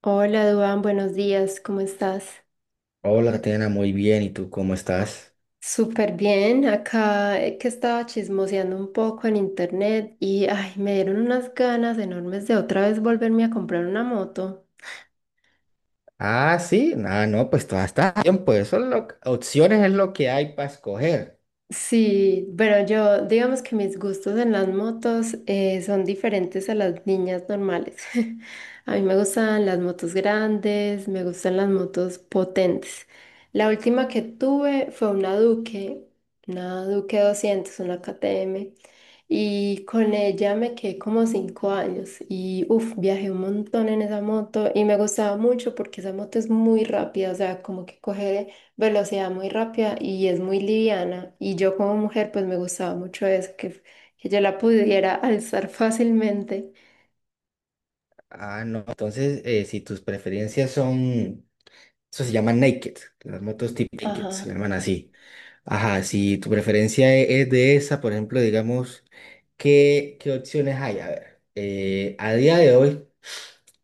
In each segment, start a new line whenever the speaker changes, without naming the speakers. Hola, Duan, buenos días, ¿cómo estás?
Hola, Tatiana, muy bien. ¿Y tú cómo estás?
Súper bien, acá que estaba chismoseando un poco en internet y ay, me dieron unas ganas enormes de otra vez volverme a comprar una moto.
Ah, sí. Ah, no, pues todo está bien. Pues son opciones es lo que hay para escoger.
Sí, pero yo, digamos que mis gustos en las motos son diferentes a las niñas normales. A mí me gustan las motos grandes, me gustan las motos potentes. La última que tuve fue una Duque doscientos, una KTM, y con ella me quedé como cinco años y uff, viajé un montón en esa moto y me gustaba mucho porque esa moto es muy rápida, o sea, como que coger velocidad muy rápida y es muy liviana. Y yo como mujer pues me gustaba mucho eso, que yo la pudiera alzar fácilmente.
Ah, no. Entonces, si tus preferencias son, eso se llama naked. Las motos tipo naked se
Ajá.
llaman así. Ajá, si tu preferencia es de esa, por ejemplo, digamos, ¿qué opciones hay? A ver, a día de hoy,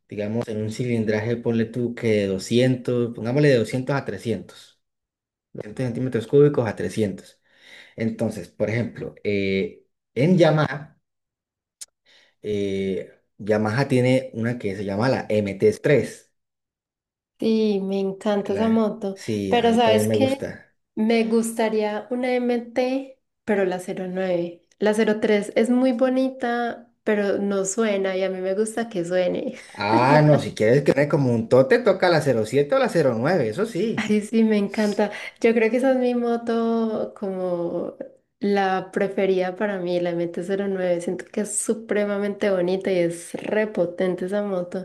digamos, en un cilindraje, ponle tú que de 200, pongámosle de 200 a trescientos, 200 centímetros cúbicos a 300. Entonces, por ejemplo, en Yamaha, eh, Yamaha tiene una que se llama la MT tres.
Sí, me encanta esa
La-
moto.
sí, a
Pero
mí también
¿sabes
me
qué?
gusta.
Me gustaría una M T pero la cero nueve. La cero tres es muy bonita, pero no suena y a mí me gusta que suene.
Ah, no, si quieres que me como un tote, toca la cero siete o la cero nueve, eso sí.
Ay, sí, me encanta. Yo creo que esa es mi moto como la preferida para mí, la M T cero nueve. Siento que es supremamente bonita y es repotente esa moto.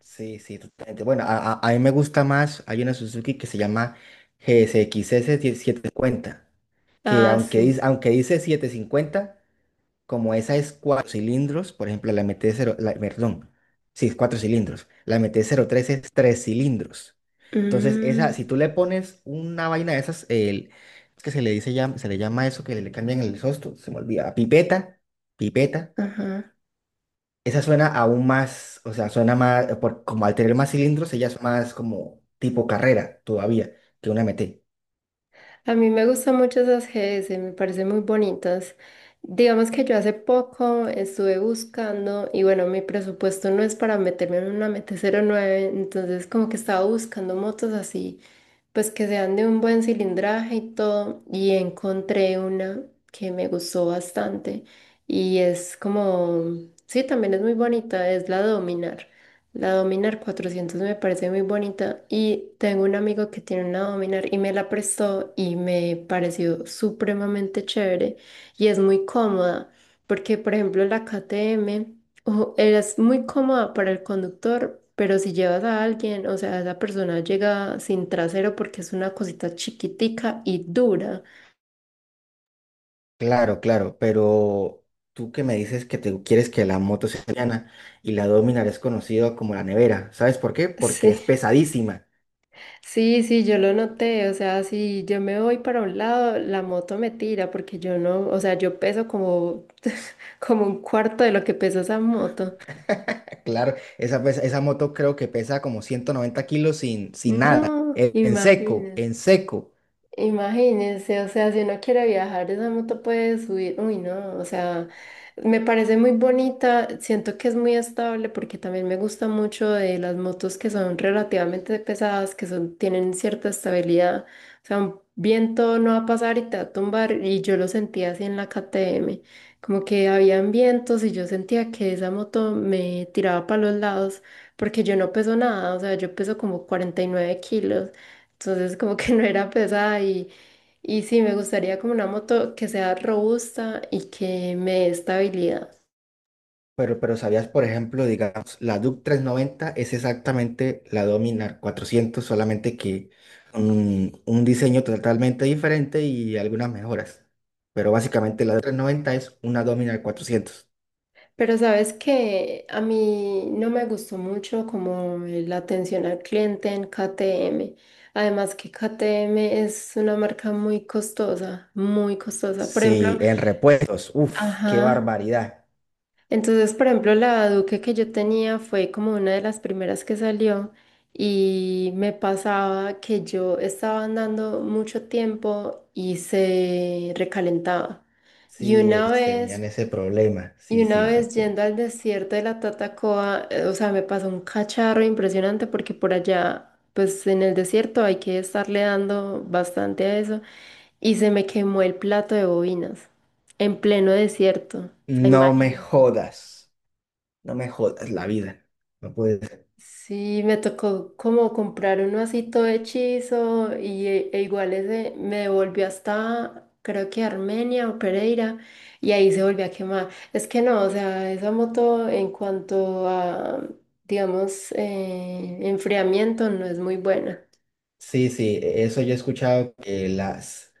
Sí, sí, totalmente. Bueno, a mí me gusta más. Hay una Suzuki que se llama GSX S X S setecientos cincuenta, que
Ah,
aunque
sí.
dice, aunque dice setecientos cincuenta. Como esa es cuatro cilindros, por ejemplo, la MT-0, perdón, sí, es cuatro cilindros. La M T cero tres es tres cilindros. Entonces, esa,
Mm,
si tú le pones una vaina de esas, el, es que se le llama eso que le cambian el sosto, se me olvida, pipeta, pipeta.
ajá.
Esa suena aún más, o sea, suena más, por, como al tener más cilindros, ella es más como tipo carrera todavía que una M T.
A mí me gustan mucho esas G S. Me parecen muy bonitas. Digamos que yo hace poco estuve buscando y bueno, mi presupuesto no es para meterme en una M T cero nueve, entonces como que estaba buscando motos así pues que sean de un buen cilindraje y todo, y encontré una que me gustó bastante y es como, sí, también es muy bonita, es la Dominar. La Dominar cuatrocientos me parece muy bonita y tengo un amigo que tiene una Dominar y me la prestó y me pareció supremamente chévere y es muy cómoda porque, por ejemplo, la KTM... Ojo, eres muy cómoda para el conductor, pero si llevas a alguien, o sea, esa persona llega sin trasero porque es una cosita chiquitica y dura.
Claro, pero tú que me dices que te quieres que la moto sea liviana y la Dominar es conocida como la nevera, ¿sabes por qué? Porque
Sí,
es pesadísima.
sí, sí, yo lo noté, o sea, si yo me voy para un lado, la moto me tira porque yo no, o sea, yo peso como, como un cuarto de lo que pesa esa moto.
Claro, esa, esa moto creo que pesa como 190 kilos, sin, sin nada,
No,
en seco,
imagínense.
en seco.
Imagínense, o sea, si uno quiere viajar, esa moto puede subir. Uy, no, o sea, me parece muy bonita. Siento que es muy estable porque también me gusta mucho de las motos que son relativamente pesadas, que son, tienen cierta estabilidad. O sea, un viento no va a pasar y te va a tumbar. Y yo lo sentía así en la KTM, como que habían vientos y yo sentía que esa moto me tiraba para los lados porque yo no peso nada, o sea, yo peso como 49 kilos. Entonces como que no era pesada y sí, me gustaría como una moto que sea robusta y que me dé estabilidad.
Pero ¿sabías? Por ejemplo, digamos, la DUC noventa es exactamente la Dominar cuatrocientos, solamente que un diseño totalmente diferente y algunas mejoras. Pero básicamente la DUC noventa es una Dominar cuatrocientos.
Pero sabes que a mí no me gustó mucho como la atención al cliente en KTM. Además que KTM es una marca muy costosa, muy costosa. Por ejemplo,
Sí, en repuestos, uff, qué
ajá.
barbaridad.
Entonces, por ejemplo, la Duque que yo tenía fue como una de las primeras que salió y me pasaba que yo estaba andando mucho tiempo y se recalentaba. Y
Sí,
una
tenían
vez,
ese problema.
y
Sí,
una
sí,
vez yendo
efectivamente.
al desierto de la Tatacoa, o sea, me pasó un cacharro impresionante porque por allá, pues en el desierto hay que estarle dando bastante a eso y se me quemó el plato de bobinas en pleno desierto. O sea,
No me
imagínate.
jodas, no me jodas la vida. No puede ser.
Sí, me tocó como comprar uno así todo hechizo y e igual ese me devolvió hasta creo que Armenia o Pereira y ahí se volvió a quemar. Es que no, o sea, esa moto en cuanto a, digamos, enfriamiento no es muy buena.
Sí, sí, eso yo he escuchado, que las.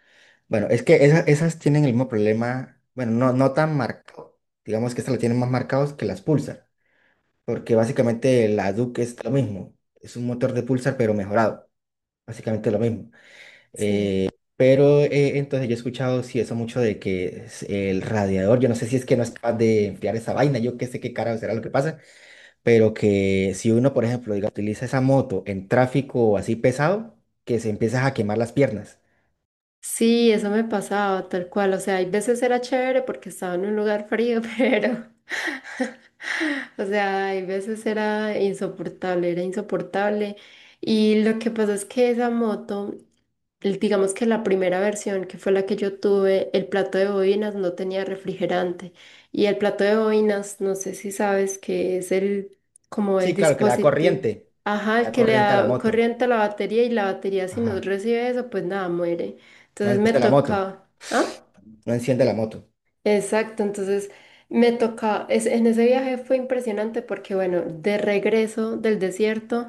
Bueno, es que esas tienen el mismo problema, bueno, no, no tan marcado. Digamos que estas la tienen más marcados que las Pulsar, porque básicamente la Duke es lo mismo. Es un motor de Pulsar, pero mejorado. Básicamente lo mismo.
Sí.
Pero entonces yo he escuchado, sí, eso mucho, de que es el radiador. Yo no sé si es que no es capaz de enfriar esa vaina, yo qué sé qué carajo será lo que pasa, pero que si uno, por ejemplo, diga, utiliza esa moto en tráfico así pesado, que se empieza a quemar las piernas.
Sí, eso me pasaba tal cual. O sea, hay veces era chévere porque estaba en un lugar frío, pero... O sea, hay veces era insoportable, era insoportable. Y lo que pasó es que esa moto, digamos que la primera versión, que fue la que yo tuve, el plato de bobinas no tenía refrigerante. Y el plato de bobinas, no sé si sabes que es el, como el
Sí, claro, que
dispositivo. Ajá,
le
el
da
que le
corriente a la
da
moto.
corriente a la batería y la batería si no
Ajá.
recibe eso, pues nada, muere.
No
Entonces me
enciende la moto.
toca, ah,
No enciende la moto.
exacto. En ese viaje fue impresionante porque bueno, de regreso del desierto,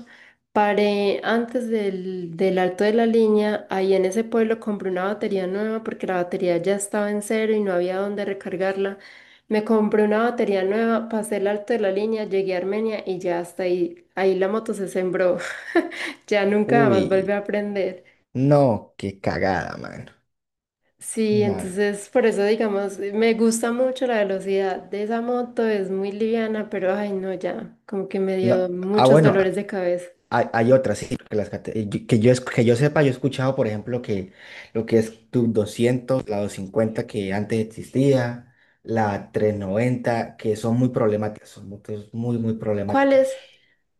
paré antes del, del Alto de la Línea, ahí en ese pueblo compré una batería nueva porque la batería ya estaba en cero y no había dónde recargarla. Me compré una batería nueva, pasé el Alto de la Línea, llegué a Armenia y ya hasta ahí, ahí la moto se sembró, ya nunca más volví
Uy,
a aprender.
no, qué cagada, mano.
Sí,
No,
entonces por eso digamos, me gusta mucho la velocidad de esa moto, es muy liviana, pero ay no, ya, como que me dio
no. Ah,
muchos
bueno,
dolores de cabeza.
hay otras, sí, porque las que yo sepa, yo he escuchado, por ejemplo, que lo que es tu doscientos, la 250 que antes existía, la trescientos noventa, que son muy problemáticas, son motos muy, muy problemáticas.
¿Cuáles?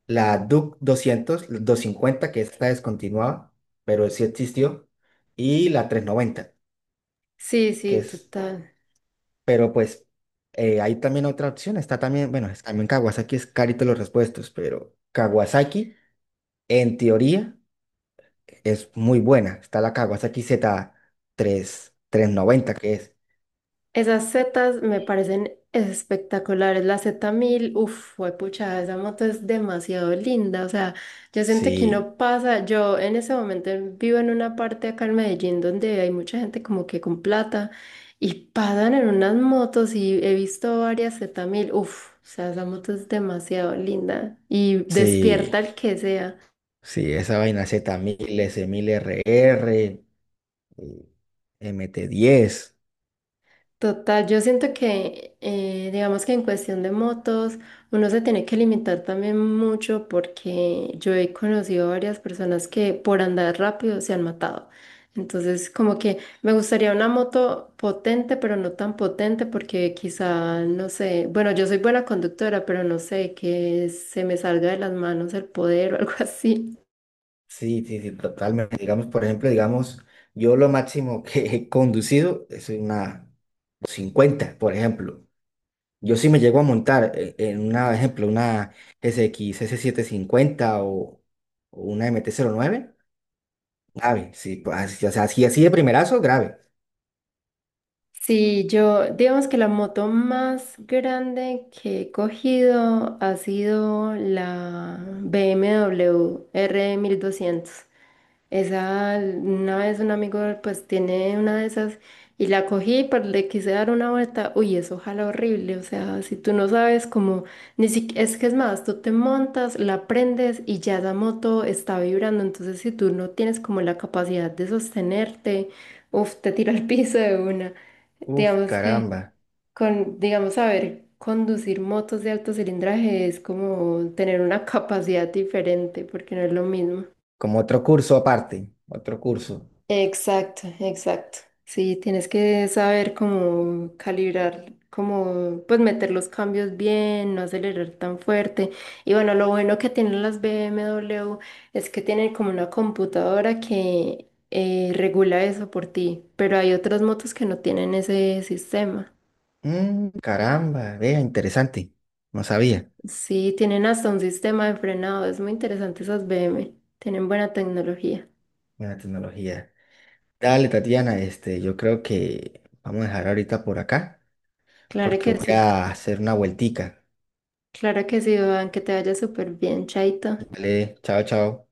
La Duke doscientos, la 250 que está descontinuada, pero sí existió, y la 390
Sí,
que
sí,
es.
total.
Pero pues hay también otra opción, está también, bueno, también Kawasaki es carito los repuestos, pero Kawasaki en teoría es muy buena. Está la Kawasaki Z3, tres trescientos noventa que es.
Esas setas me parecen espectaculares. La z mil uff, pucha, esa moto es demasiado linda. O sea, yo siento que
Sí,
no pasa. Yo en ese momento vivo en una parte acá en Medellín donde hay mucha gente como que con plata y pasan en unas motos y he visto varias z mil. Uff, o sea, esa moto es demasiado linda y
sí,
despierta al que sea.
sí, esa vaina Z mil, S S1000RR, MT diez.
Total, yo siento que, digamos que en cuestión de motos, uno se tiene que limitar también mucho porque yo he conocido varias personas que por andar rápido se han matado. Entonces, como que me gustaría una moto potente, pero no tan potente porque quizá, no sé, bueno, yo soy buena conductora, pero no sé, que se me salga de las manos el poder o algo así.
Sí, sí, sí, totalmente. Digamos, por ejemplo, digamos, yo lo máximo que he conducido es una cincuenta, por ejemplo. Yo sí me llego a montar en una, ejemplo, una S X S750 o una M T cero nueve, grave. Sí, pues, o sea, así, así de primerazo, grave.
Sí, yo, digamos que la moto más grande que he cogido ha sido la BMW R1200. Esa, una vez un amigo pues tiene una de esas y la cogí, pero le quise dar una vuelta. Uy, eso jala horrible. O sea, si tú no sabes cómo, ni si, es que es más, tú te montas, la prendes y ya la moto está vibrando. Entonces, si tú no tienes como la capacidad de sostenerte, uf, te tira al piso de una.
Uf,
Digamos que
caramba,
con, digamos, saber conducir motos de alto cilindraje es como tener una capacidad diferente, porque no es lo mismo.
como otro curso aparte, otro curso.
Exacto, exacto. Sí, tienes que saber cómo calibrar, cómo pues meter los cambios bien, no acelerar tan fuerte. Y bueno, lo bueno que tienen las BMW es que tienen como una computadora que regula eso por ti, pero hay otras motos que no tienen ese sistema.
Mm, caramba, vea, interesante, no sabía,
Sí, tienen hasta un sistema de frenado. Es muy interesante esas BM. Tienen buena tecnología.
buena tecnología. Dale, Tatiana, yo creo que vamos a dejar ahorita por acá,
Claro
porque
que
voy
sí.
a hacer una vueltica,
Claro que sí, Iván, que te vaya súper bien, Chaito.
¿vale? Chao, chao.